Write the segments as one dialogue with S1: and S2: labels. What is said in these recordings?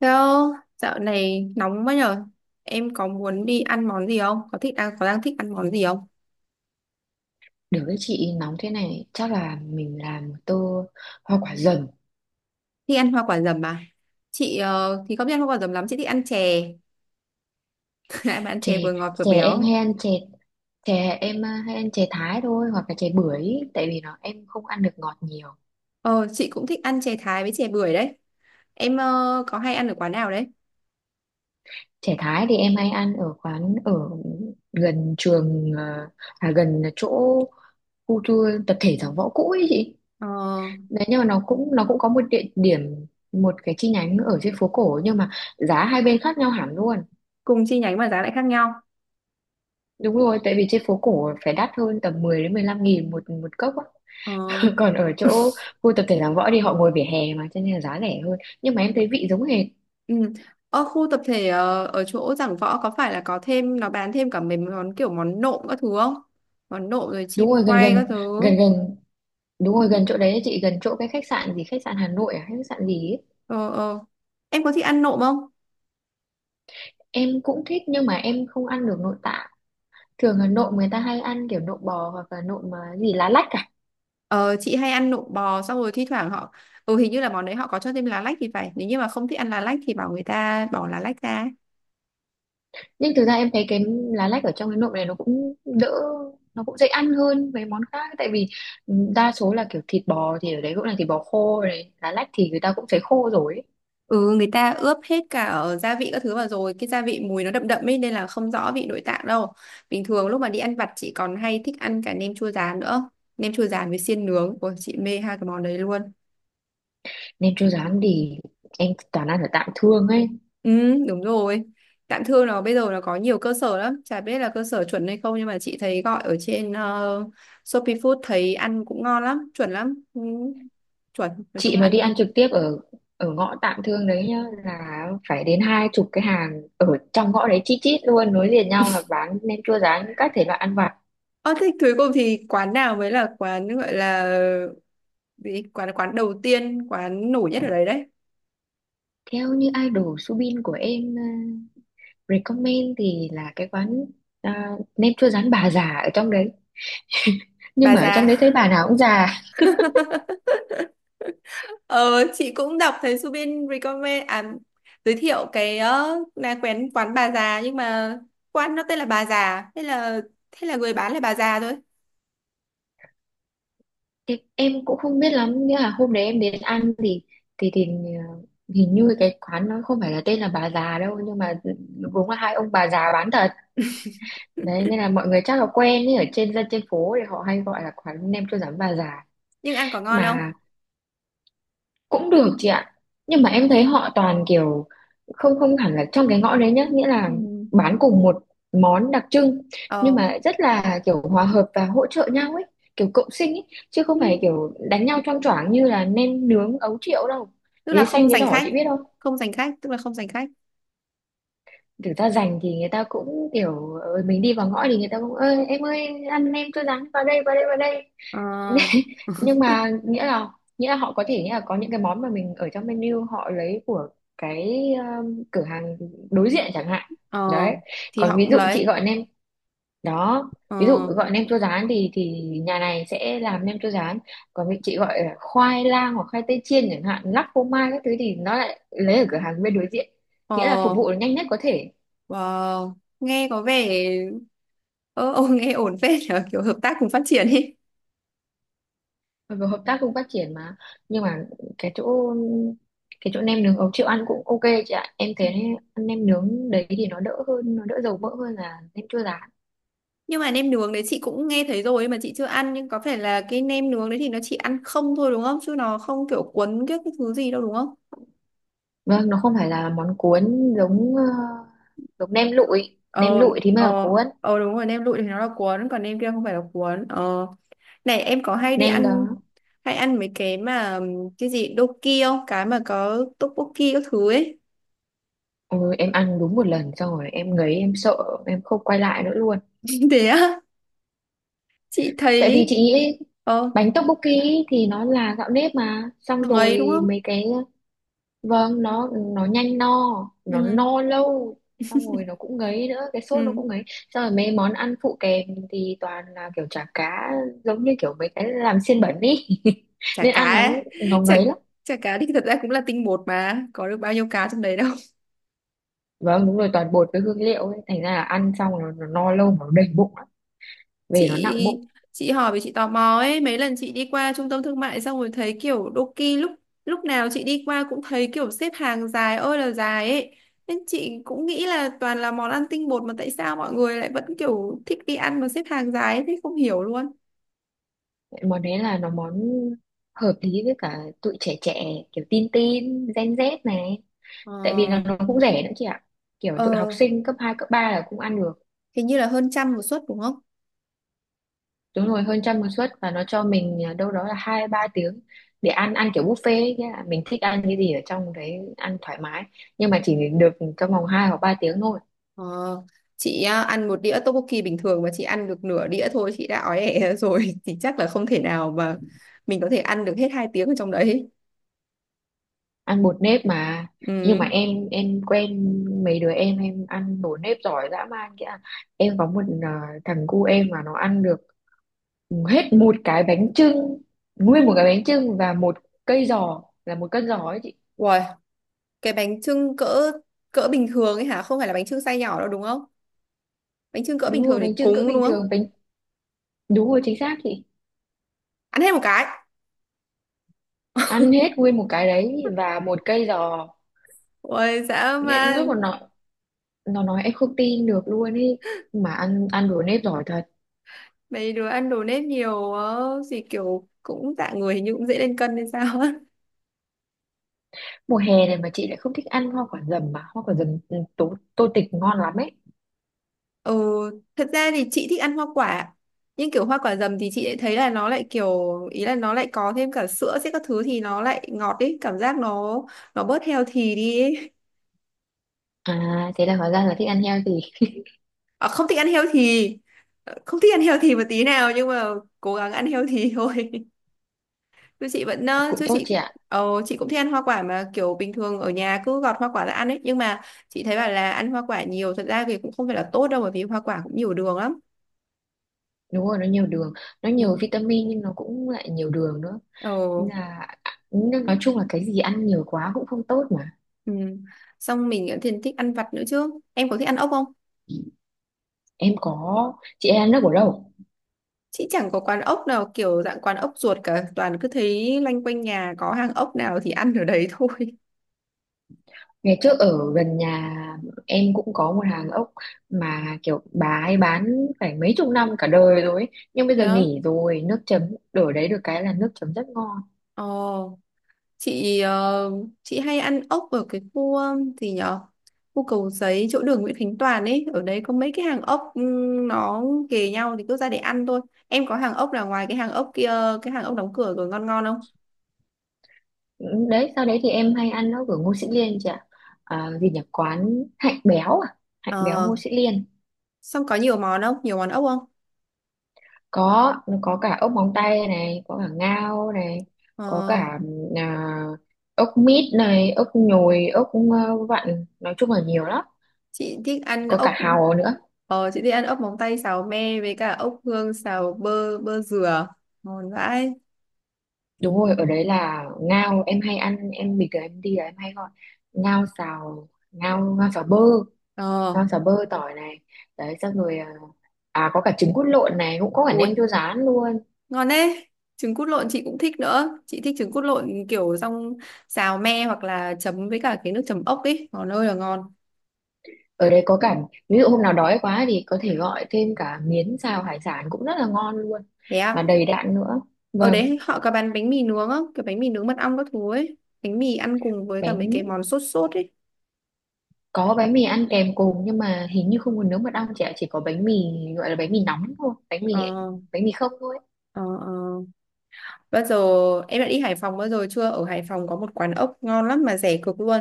S1: Theo, dạo này nóng quá nhở. Em có muốn đi ăn món gì không? Có thích đang có đang thích ăn món gì không?
S2: Được, với chị nóng thế này chắc là mình làm một tô hoa quả dầm.
S1: Thích ăn hoa quả dầm à? Chị thì không thích ăn hoa quả dầm lắm, chị thích ăn chè. Lại ăn
S2: chè
S1: chè vừa ngọt vừa
S2: chè em
S1: béo.
S2: hay ăn chè chè em hay ăn chè Thái thôi, hoặc là chè bưởi, tại vì em không ăn được ngọt nhiều.
S1: Ờ, chị cũng thích ăn chè Thái với chè bưởi đấy. Em có hay ăn ở quán nào đấy?
S2: Chè Thái thì em hay ăn ở quán ở gần trường, gần chỗ khu tour tập thể Giảng Võ cũ ấy chị.
S1: Ờ,
S2: Đấy, nhưng mà nó cũng có một địa điểm, một cái chi nhánh ở trên phố cổ, nhưng mà giá hai bên khác nhau hẳn luôn.
S1: cùng chi nhánh mà giá lại khác nhau.
S2: Đúng rồi, tại vì trên phố cổ phải đắt hơn, tầm 10 đến 15 nghìn một một cốc á.
S1: Ờ,
S2: Còn ở chỗ khu tập thể Giảng Võ thì họ ngồi vỉa hè mà, cho nên là giá rẻ hơn. Nhưng mà em thấy vị giống hệt.
S1: ừ. Ở khu tập thể ở chỗ Giảng Võ có phải là có thêm nó bán thêm cả mấy món kiểu món nộm các thứ không? Món nộm rồi
S2: Đúng
S1: chim
S2: rồi, gần
S1: quay
S2: gần
S1: các thứ.
S2: gần gần đúng rồi, gần chỗ đấy ấy chị, gần chỗ cái khách sạn gì, khách sạn Hà Nội khách sạn gì ấy.
S1: Ờ, ờ. Em có thích ăn nộm không?
S2: Em cũng thích nhưng mà em không ăn được nội tạng. Thường là nộm người ta hay ăn kiểu nộm bò hoặc là nộm gì lá lách cả.
S1: Ờ, chị hay ăn nộm bò xong rồi thi thoảng họ hình như là món đấy họ có cho thêm lá lách thì phải, nếu như mà không thích ăn lá lách thì bảo người ta bỏ lá lách ra.
S2: Nhưng thực ra em thấy cái lá lách ở trong cái nộm này nó cũng đỡ, nó cũng dễ ăn hơn mấy món khác. Tại vì đa số là kiểu thịt bò, thì ở đấy cũng là thịt bò khô này, lá lách thì người ta cũng phải khô rồi ấy.
S1: Ừ, người ta ướp hết cả ở gia vị các thứ vào rồi cái gia vị mùi nó đậm đậm ấy nên là không rõ vị nội tạng đâu. Bình thường lúc mà đi ăn vặt chị còn hay thích ăn cả nem chua rán nữa. Nem chua rán với xiên nướng, ôi chị mê hai cái món đấy luôn.
S2: Nên chưa dám thì em toàn ăn ở Tạm Thương ấy.
S1: Ừ, đúng rồi. Tạm thương nó bây giờ nó có nhiều cơ sở lắm, chả biết là cơ sở chuẩn hay không nhưng mà chị thấy gọi ở trên Shopee Food thấy ăn cũng ngon lắm, chuẩn lắm. Ừ, chuẩn, nói chung
S2: Chị
S1: là
S2: mà
S1: ăn
S2: đi ăn
S1: ngon.
S2: trực tiếp ở ở ngõ Tạm Thương đấy nhá là phải đến 20 cái hàng ở trong ngõ đấy, chít chít luôn, nối liền nhau, là bán nem chua rán các thể loại ăn vặt.
S1: Ờ, thế cuối cùng thì quán nào mới là quán gọi là gì? Quán quán đầu tiên, quán nổi nhất ở đấy đấy.
S2: Theo như idol Subin của em recommend thì là cái quán à, nem chua rán bà già ở trong đấy. Nhưng
S1: Bà
S2: mà ở
S1: già.
S2: trong đấy thấy bà nào cũng già.
S1: Ờ, chị cũng đọc thấy Subin recommend à, giới thiệu cái là quán quán bà già nhưng mà quán nó tên là bà già, thế là người bán là bà già thôi.
S2: Thì em cũng không biết lắm, nhưng mà hôm đấy em đến ăn thì thì ờ, hình như cái quán nó không phải là tên là bà già đâu, nhưng mà đúng là hai ông bà già bán thật. Đấy, nên là mọi người chắc là quen ấy, ở trên dân trên phố thì họ hay gọi là quán nem chua rán bà già.
S1: Nhưng ăn có ngon không?
S2: Mà cũng được chị ạ, nhưng mà em thấy họ toàn kiểu không không hẳn là trong cái ngõ đấy nhá, nghĩa là
S1: Ừ.
S2: bán cùng một món đặc trưng, nhưng
S1: Ờ.
S2: mà rất là kiểu hòa hợp và hỗ trợ nhau ấy, kiểu cộng sinh ấy, chứ
S1: Ừ.
S2: không phải kiểu đánh nhau choang choảng như là nem nướng Ấu Triệu đâu.
S1: Tức là
S2: Ghế
S1: không
S2: xanh ghế
S1: giành
S2: đỏ
S1: khách.
S2: chị biết không.
S1: Không giành khách, tức là không giành khách.
S2: Thực ra rành thì người ta cũng kiểu mình đi vào ngõ thì người ta cũng ơi em ơi ăn nem cho rán vào đây vào đây vào đây.
S1: Ờ.
S2: Nhưng mà nghĩa là, nghĩa là họ có thể nghĩa là có những cái món mà mình ở trong menu, họ lấy của cái cửa hàng đối diện chẳng hạn.
S1: Ờ.
S2: Đấy,
S1: Thì
S2: còn
S1: họ
S2: ví
S1: cũng
S2: dụ chị
S1: lấy.
S2: gọi nem đó, ví dụ
S1: Ờ.
S2: gọi nem chua rán thì nhà này sẽ làm nem chua rán, còn vị chị gọi là khoai lang hoặc khoai tây chiên chẳng hạn, lắc phô mai các thứ, thì nó lại lấy ở cửa hàng bên đối diện.
S1: ờ
S2: Nghĩa là phục vụ nhanh nhất có thể.
S1: wow, nghe có vẻ ờ nghe ổn phết nhở, kiểu hợp tác cùng phát triển đi.
S2: Mặc dù hợp tác cùng phát triển mà, nhưng mà cái chỗ cái chỗ nem nướng Ấu Triệu ăn cũng ok chị ạ, em thấy ăn nem nướng đấy thì nó đỡ hơn, nó đỡ dầu mỡ hơn là nem chua rán.
S1: Nhưng mà nem nướng đấy chị cũng nghe thấy rồi mà chị chưa ăn, nhưng có phải là cái nem nướng đấy thì nó chỉ ăn không thôi đúng không, chứ nó không kiểu cuốn cái thứ gì đâu đúng không?
S2: Vâng, nó không phải là món cuốn, giống giống nem lụi. Nem
S1: Ờ,
S2: lụi thì mới là
S1: ờ,
S2: cuốn.
S1: ờ, đúng rồi, nem lụi thì nó là cuốn còn nem kia không phải là cuốn. Ờ này em có hay đi
S2: Nem
S1: ăn
S2: đó.
S1: hay ăn mấy cái mà cái gì doki không, cái mà có tteokbokki các thứ ấy?
S2: Ừ, em ăn đúng một lần xong rồi em ngấy, em sợ, em không quay lại nữa luôn.
S1: Thế á? Chị
S2: Tại
S1: thấy.
S2: vì chị nghĩ
S1: Ờ.
S2: bánh tteokbokki thì nó là gạo nếp mà, xong
S1: Nó ngấy đúng
S2: rồi
S1: không?
S2: mấy cái. Vâng, nó nhanh no,
S1: Ừ,
S2: nó no lâu, xong rồi nó cũng ngấy nữa, cái sốt
S1: ừ.
S2: nó cũng ngấy, xong rồi mấy món ăn phụ kèm thì toàn là kiểu chả cá, giống như kiểu mấy cái làm xiên bẩn ý.
S1: Chả
S2: Nên
S1: cá
S2: ăn
S1: ấy.
S2: nó
S1: chả
S2: ngấy lắm.
S1: chả cá thì thật ra cũng là tinh bột mà có được bao nhiêu cá trong đấy đâu.
S2: Vâng đúng rồi, toàn bột với hương liệu ấy. Thành ra là ăn xong rồi nó no lâu mà nó đầy bụng lắm, về nó nặng bụng.
S1: Chị chị hỏi vì chị tò mò ấy, mấy lần chị đi qua trung tâm thương mại xong rồi thấy kiểu Doki lúc lúc nào chị đi qua cũng thấy kiểu xếp hàng dài ơi là dài ấy, nên chị cũng nghĩ là toàn là món ăn tinh bột mà tại sao mọi người lại vẫn kiểu thích đi ăn mà xếp hàng dài ấy, thế không hiểu luôn.
S2: Món đấy là món hợp lý với cả tụi trẻ trẻ, kiểu tin tin gen Z này.
S1: Ờ.
S2: Tại vì là nó cũng rẻ nữa chị ạ, kiểu tụi học
S1: ờ
S2: sinh cấp 2 cấp 3 là cũng ăn được.
S1: hình như là hơn trăm một suất đúng không?
S2: Đúng rồi hơn trăm một suất, và nó cho mình đâu đó là 2 3 tiếng để ăn ăn kiểu buffet ấy, nghĩa là mình thích ăn cái gì ở trong đấy ăn thoải mái, nhưng mà chỉ được trong vòng 2 hoặc 3 tiếng thôi.
S1: Ờ, chị à, ăn một đĩa tteokbokki bình thường mà chị ăn được nửa đĩa thôi, chị đã ói ẻ rồi thì chắc là không thể nào mà mình có thể ăn được hết hai tiếng ở trong đấy.
S2: Ăn bột nếp mà. Nhưng
S1: Ừ.
S2: mà em quen mấy đứa em ăn bột nếp giỏi dã man kia. Em có một thằng cu em mà nó ăn được hết một cái bánh chưng, nguyên một cái bánh chưng và một cây giò, là một cân giò ấy chị.
S1: Uầy, cái bánh chưng cỡ cỡ bình thường ấy hả, không phải là bánh chưng size nhỏ đâu đúng không? Bánh chưng cỡ
S2: Đúng
S1: bình thường
S2: rồi,
S1: để
S2: bánh chưng cỡ
S1: cúng đúng
S2: bình
S1: không?
S2: thường. Đúng rồi, chính xác chị.
S1: Ăn hết một cái.
S2: Ăn hết nguyên một cái đấy và một cây giò.
S1: Ôi dã
S2: Nghĩa lúc mà
S1: man.
S2: nó nói em không tin được luôn ý, mà ăn ăn đồ nếp giỏi thật.
S1: Mấy đứa ăn đồ nếp nhiều quá, gì kiểu cũng dạng người hình như cũng dễ lên cân hay sao á.
S2: Mùa hè này mà chị lại không thích ăn hoa quả dầm, mà hoa quả dầm tô tịch ngon lắm ấy.
S1: Ừ. Thật ra thì chị thích ăn hoa quả, nhưng kiểu hoa quả dầm thì chị lại thấy là nó lại kiểu ý là nó lại có thêm cả sữa sẽ các thứ thì nó lại ngọt ấy, cảm giác nó bớt healthy đi ấy.
S2: À, thế là hóa ra là thích ăn heo thì
S1: À, không thích ăn healthy. Ờ, không thích ăn healthy một tí nào nhưng mà cố gắng ăn healthy thôi. Chú chị vẫn ờ,
S2: cũng
S1: chú
S2: tốt
S1: chị
S2: chị
S1: cũng-
S2: ạ.
S1: Ờ, chị cũng thích ăn hoa quả mà kiểu bình thường ở nhà cứ gọt hoa quả ra ăn ấy, nhưng mà chị thấy bảo là ăn hoa quả nhiều thật ra thì cũng không phải là tốt đâu bởi vì hoa quả cũng nhiều đường lắm.
S2: Đúng rồi, nó nhiều đường, nó
S1: Ừ.
S2: nhiều vitamin nhưng nó cũng lại nhiều đường nữa.
S1: Ờ.
S2: Nên là nên nói chung là cái gì ăn nhiều quá cũng không tốt mà.
S1: Ừ. Xong mình cũng thì thích ăn vặt nữa chứ, em có thích ăn ốc không?
S2: Em có. Chị em ăn nước ở đâu?
S1: Chị chẳng có quán ốc nào kiểu dạng quán ốc ruột cả, toàn cứ thấy loanh quanh nhà có hàng ốc nào thì ăn ở đấy thôi.
S2: Ngày trước ở gần nhà em cũng có một hàng ốc, mà kiểu bà ấy bán phải mấy chục năm, cả đời rồi ấy. Nhưng bây giờ
S1: Đó.
S2: nghỉ rồi. Nước chấm đổi đấy, được cái là nước chấm rất ngon.
S1: Ờ chị ờ, chị hay ăn ốc ở cái khu gì nhở, khu Cầu Giấy chỗ đường Nguyễn Khánh Toàn ấy, ở đấy có mấy cái hàng ốc nó kề nhau thì cứ ra để ăn thôi. Em có hàng ốc là ngoài cái hàng ốc kia, cái hàng ốc đóng cửa rồi, ngon ngon không?
S2: Ừ. Đấy, sau đấy thì em hay ăn ốc ở Ngô Sĩ Liên chị ạ. Gì nhỉ? Quán Hạnh Béo à? Hạnh Béo
S1: Ờ.
S2: Ngô Sĩ Liên.
S1: Xong có nhiều món không, nhiều món ốc không?
S2: Có, nó có cả ốc móng tay này, có cả ngao này, có
S1: Ờ,
S2: cả à, ốc mít này, ốc nhồi, ốc vặn. Nói chung là nhiều lắm.
S1: chị thích ăn
S2: Có cả
S1: ốc.
S2: hàu nữa.
S1: Ờ, chị thích ăn ốc móng tay xào me với cả ốc hương xào bơ bơ dừa ngon vãi.
S2: Đúng rồi, ở đấy là ngao em hay ăn, em bình thường em đi là em hay gọi ngao xào, ngao
S1: Ờ.
S2: ngao xào bơ tỏi này. Đấy xong rồi có cả trứng cút lộn này, cũng có cả
S1: Ui,
S2: nem chua rán luôn.
S1: ngon đấy. Trứng cút lộn chị cũng thích nữa, chị thích trứng cút lộn kiểu xong xào me hoặc là chấm với cả cái nước chấm ốc ấy ngon ơi là ngon.
S2: Ở đây có cả ví dụ hôm nào đói quá thì có thể gọi thêm cả miến xào hải sản, cũng rất là ngon luôn
S1: Thế
S2: mà
S1: à?
S2: đầy đặn nữa.
S1: Ở
S2: Vâng,
S1: đấy họ có bán bánh mì nướng không, cái bánh mì nướng mật ong các thứ ấy, bánh mì ăn cùng với cả mấy
S2: bánh
S1: cái món sốt sốt ấy?
S2: có bánh mì ăn kèm cùng, nhưng mà hình như không có nướng mật ong chị, chỉ có bánh mì, gọi là bánh mì nóng thôi,
S1: Ờ,
S2: bánh mì không thôi.
S1: ờ, ờ. Bao giờ em đã đi Hải Phòng bao giờ chưa, ở Hải Phòng có một quán ốc ngon lắm mà rẻ cực luôn.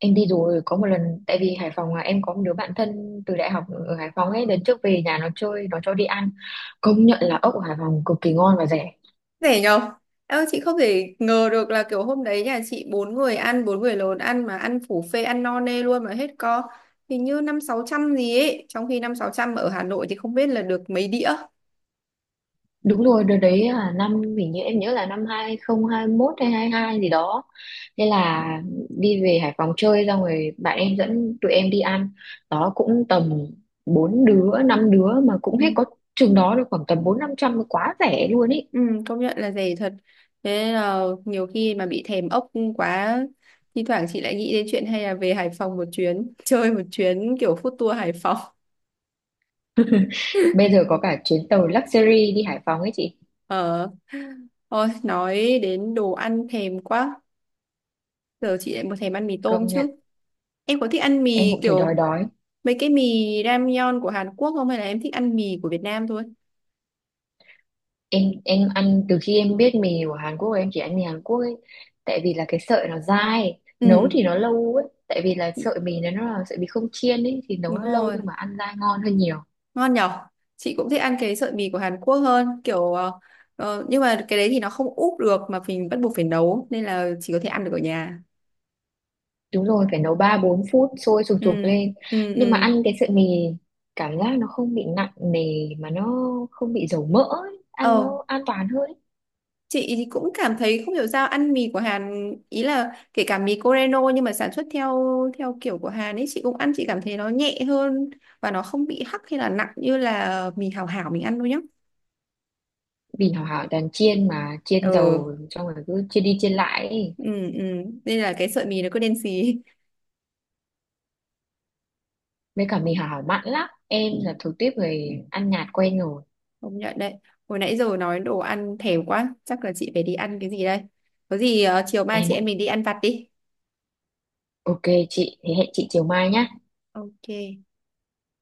S2: Em đi rồi, có một lần, tại vì Hải Phòng em có một đứa bạn thân từ đại học ở Hải Phòng ấy, lần trước về nhà nó chơi nó cho đi ăn. Công nhận là ốc ở Hải Phòng cực kỳ ngon và rẻ.
S1: Rẻ nhờ. Em ơi, chị không thể ngờ được là kiểu hôm đấy nhà chị bốn người ăn, bốn người lớn ăn mà ăn phủ phê ăn no nê luôn mà hết co, hình như năm sáu trăm gì ấy, trong khi năm sáu trăm ở Hà Nội thì không biết là được mấy đĩa.
S2: Đúng rồi, đợt đấy là năm, hình như em nhớ là năm 2021 hay 22 gì đó. Thế là đi về Hải Phòng chơi, xong rồi bạn em dẫn tụi em đi ăn, đó cũng tầm bốn đứa năm đứa mà
S1: Ừ.
S2: cũng hết có chừng đó, được khoảng tầm 400 500, quá rẻ luôn ý.
S1: Ừ, công nhận là rẻ thật, thế nên là nhiều khi mà bị thèm ốc quá, thi thoảng chị lại nghĩ đến chuyện hay là về Hải Phòng một chuyến chơi một chuyến kiểu food tour Hải Phòng.
S2: Bây giờ có cả chuyến tàu luxury đi Hải Phòng ấy chị.
S1: Ờ. Thôi nói đến đồ ăn thèm quá, giờ chị lại muốn thèm ăn mì tôm
S2: Công nhận.
S1: chứ. Em có thích ăn
S2: Em
S1: mì
S2: cũng thấy đói
S1: kiểu
S2: đói.
S1: mấy cái mì ramyeon của Hàn Quốc không, hay là em thích ăn mì của Việt Nam thôi?
S2: Em ăn từ khi em biết mì của Hàn Quốc, em chỉ ăn mì Hàn Quốc ấy. Tại vì là cái sợi nó dai, nấu
S1: Ừ.
S2: thì nó lâu ấy, tại vì là sợi mì nó là sợi mì không chiên ấy, thì
S1: Đúng
S2: nấu nó lâu
S1: rồi.
S2: nhưng mà ăn dai ngon hơn nhiều.
S1: Ngon nhở. Chị cũng thích ăn cái sợi mì của Hàn Quốc hơn kiểu. Ờ, ờ, nhưng mà cái đấy thì nó không úp được mà mình bắt buộc phải nấu nên là chỉ có thể ăn được ở nhà.
S2: Đúng rồi, phải nấu 3 4 phút sôi sùng sục
S1: Ừ,
S2: lên.
S1: ừ,
S2: Nhưng mà
S1: ừ.
S2: ăn cái sợi mì cảm giác nó không bị nặng nề, mà nó không bị dầu mỡ ấy, ăn
S1: Ờ,
S2: nó an toàn hơn ấy.
S1: chị thì cũng cảm thấy không hiểu sao ăn mì của Hàn ý là kể cả mì Coreno nhưng mà sản xuất theo theo kiểu của Hàn ấy, chị cũng ăn chị cảm thấy nó nhẹ hơn và nó không bị hắc hay là nặng như là mì Hảo Hảo mình ăn đâu nhá.
S2: Vì Hảo Hảo toàn chiên mà,
S1: Ờ.
S2: chiên dầu xong rồi cứ chiên đi chiên lại ấy.
S1: Ừ, ừ. Nên là cái sợi mì nó cứ đen xì.
S2: Với cả mì Hảo Hảo mặn lắm, em là thuộc tiếp người ăn nhạt quen rồi.
S1: Công nhận đấy. Hồi nãy giờ nói đồ ăn thèm quá chắc là chị phải đi ăn cái gì đây, có gì chiều mai
S2: Em
S1: chị em mình đi ăn vặt đi.
S2: ok chị, thế hẹn chị chiều mai nhá.
S1: Ok.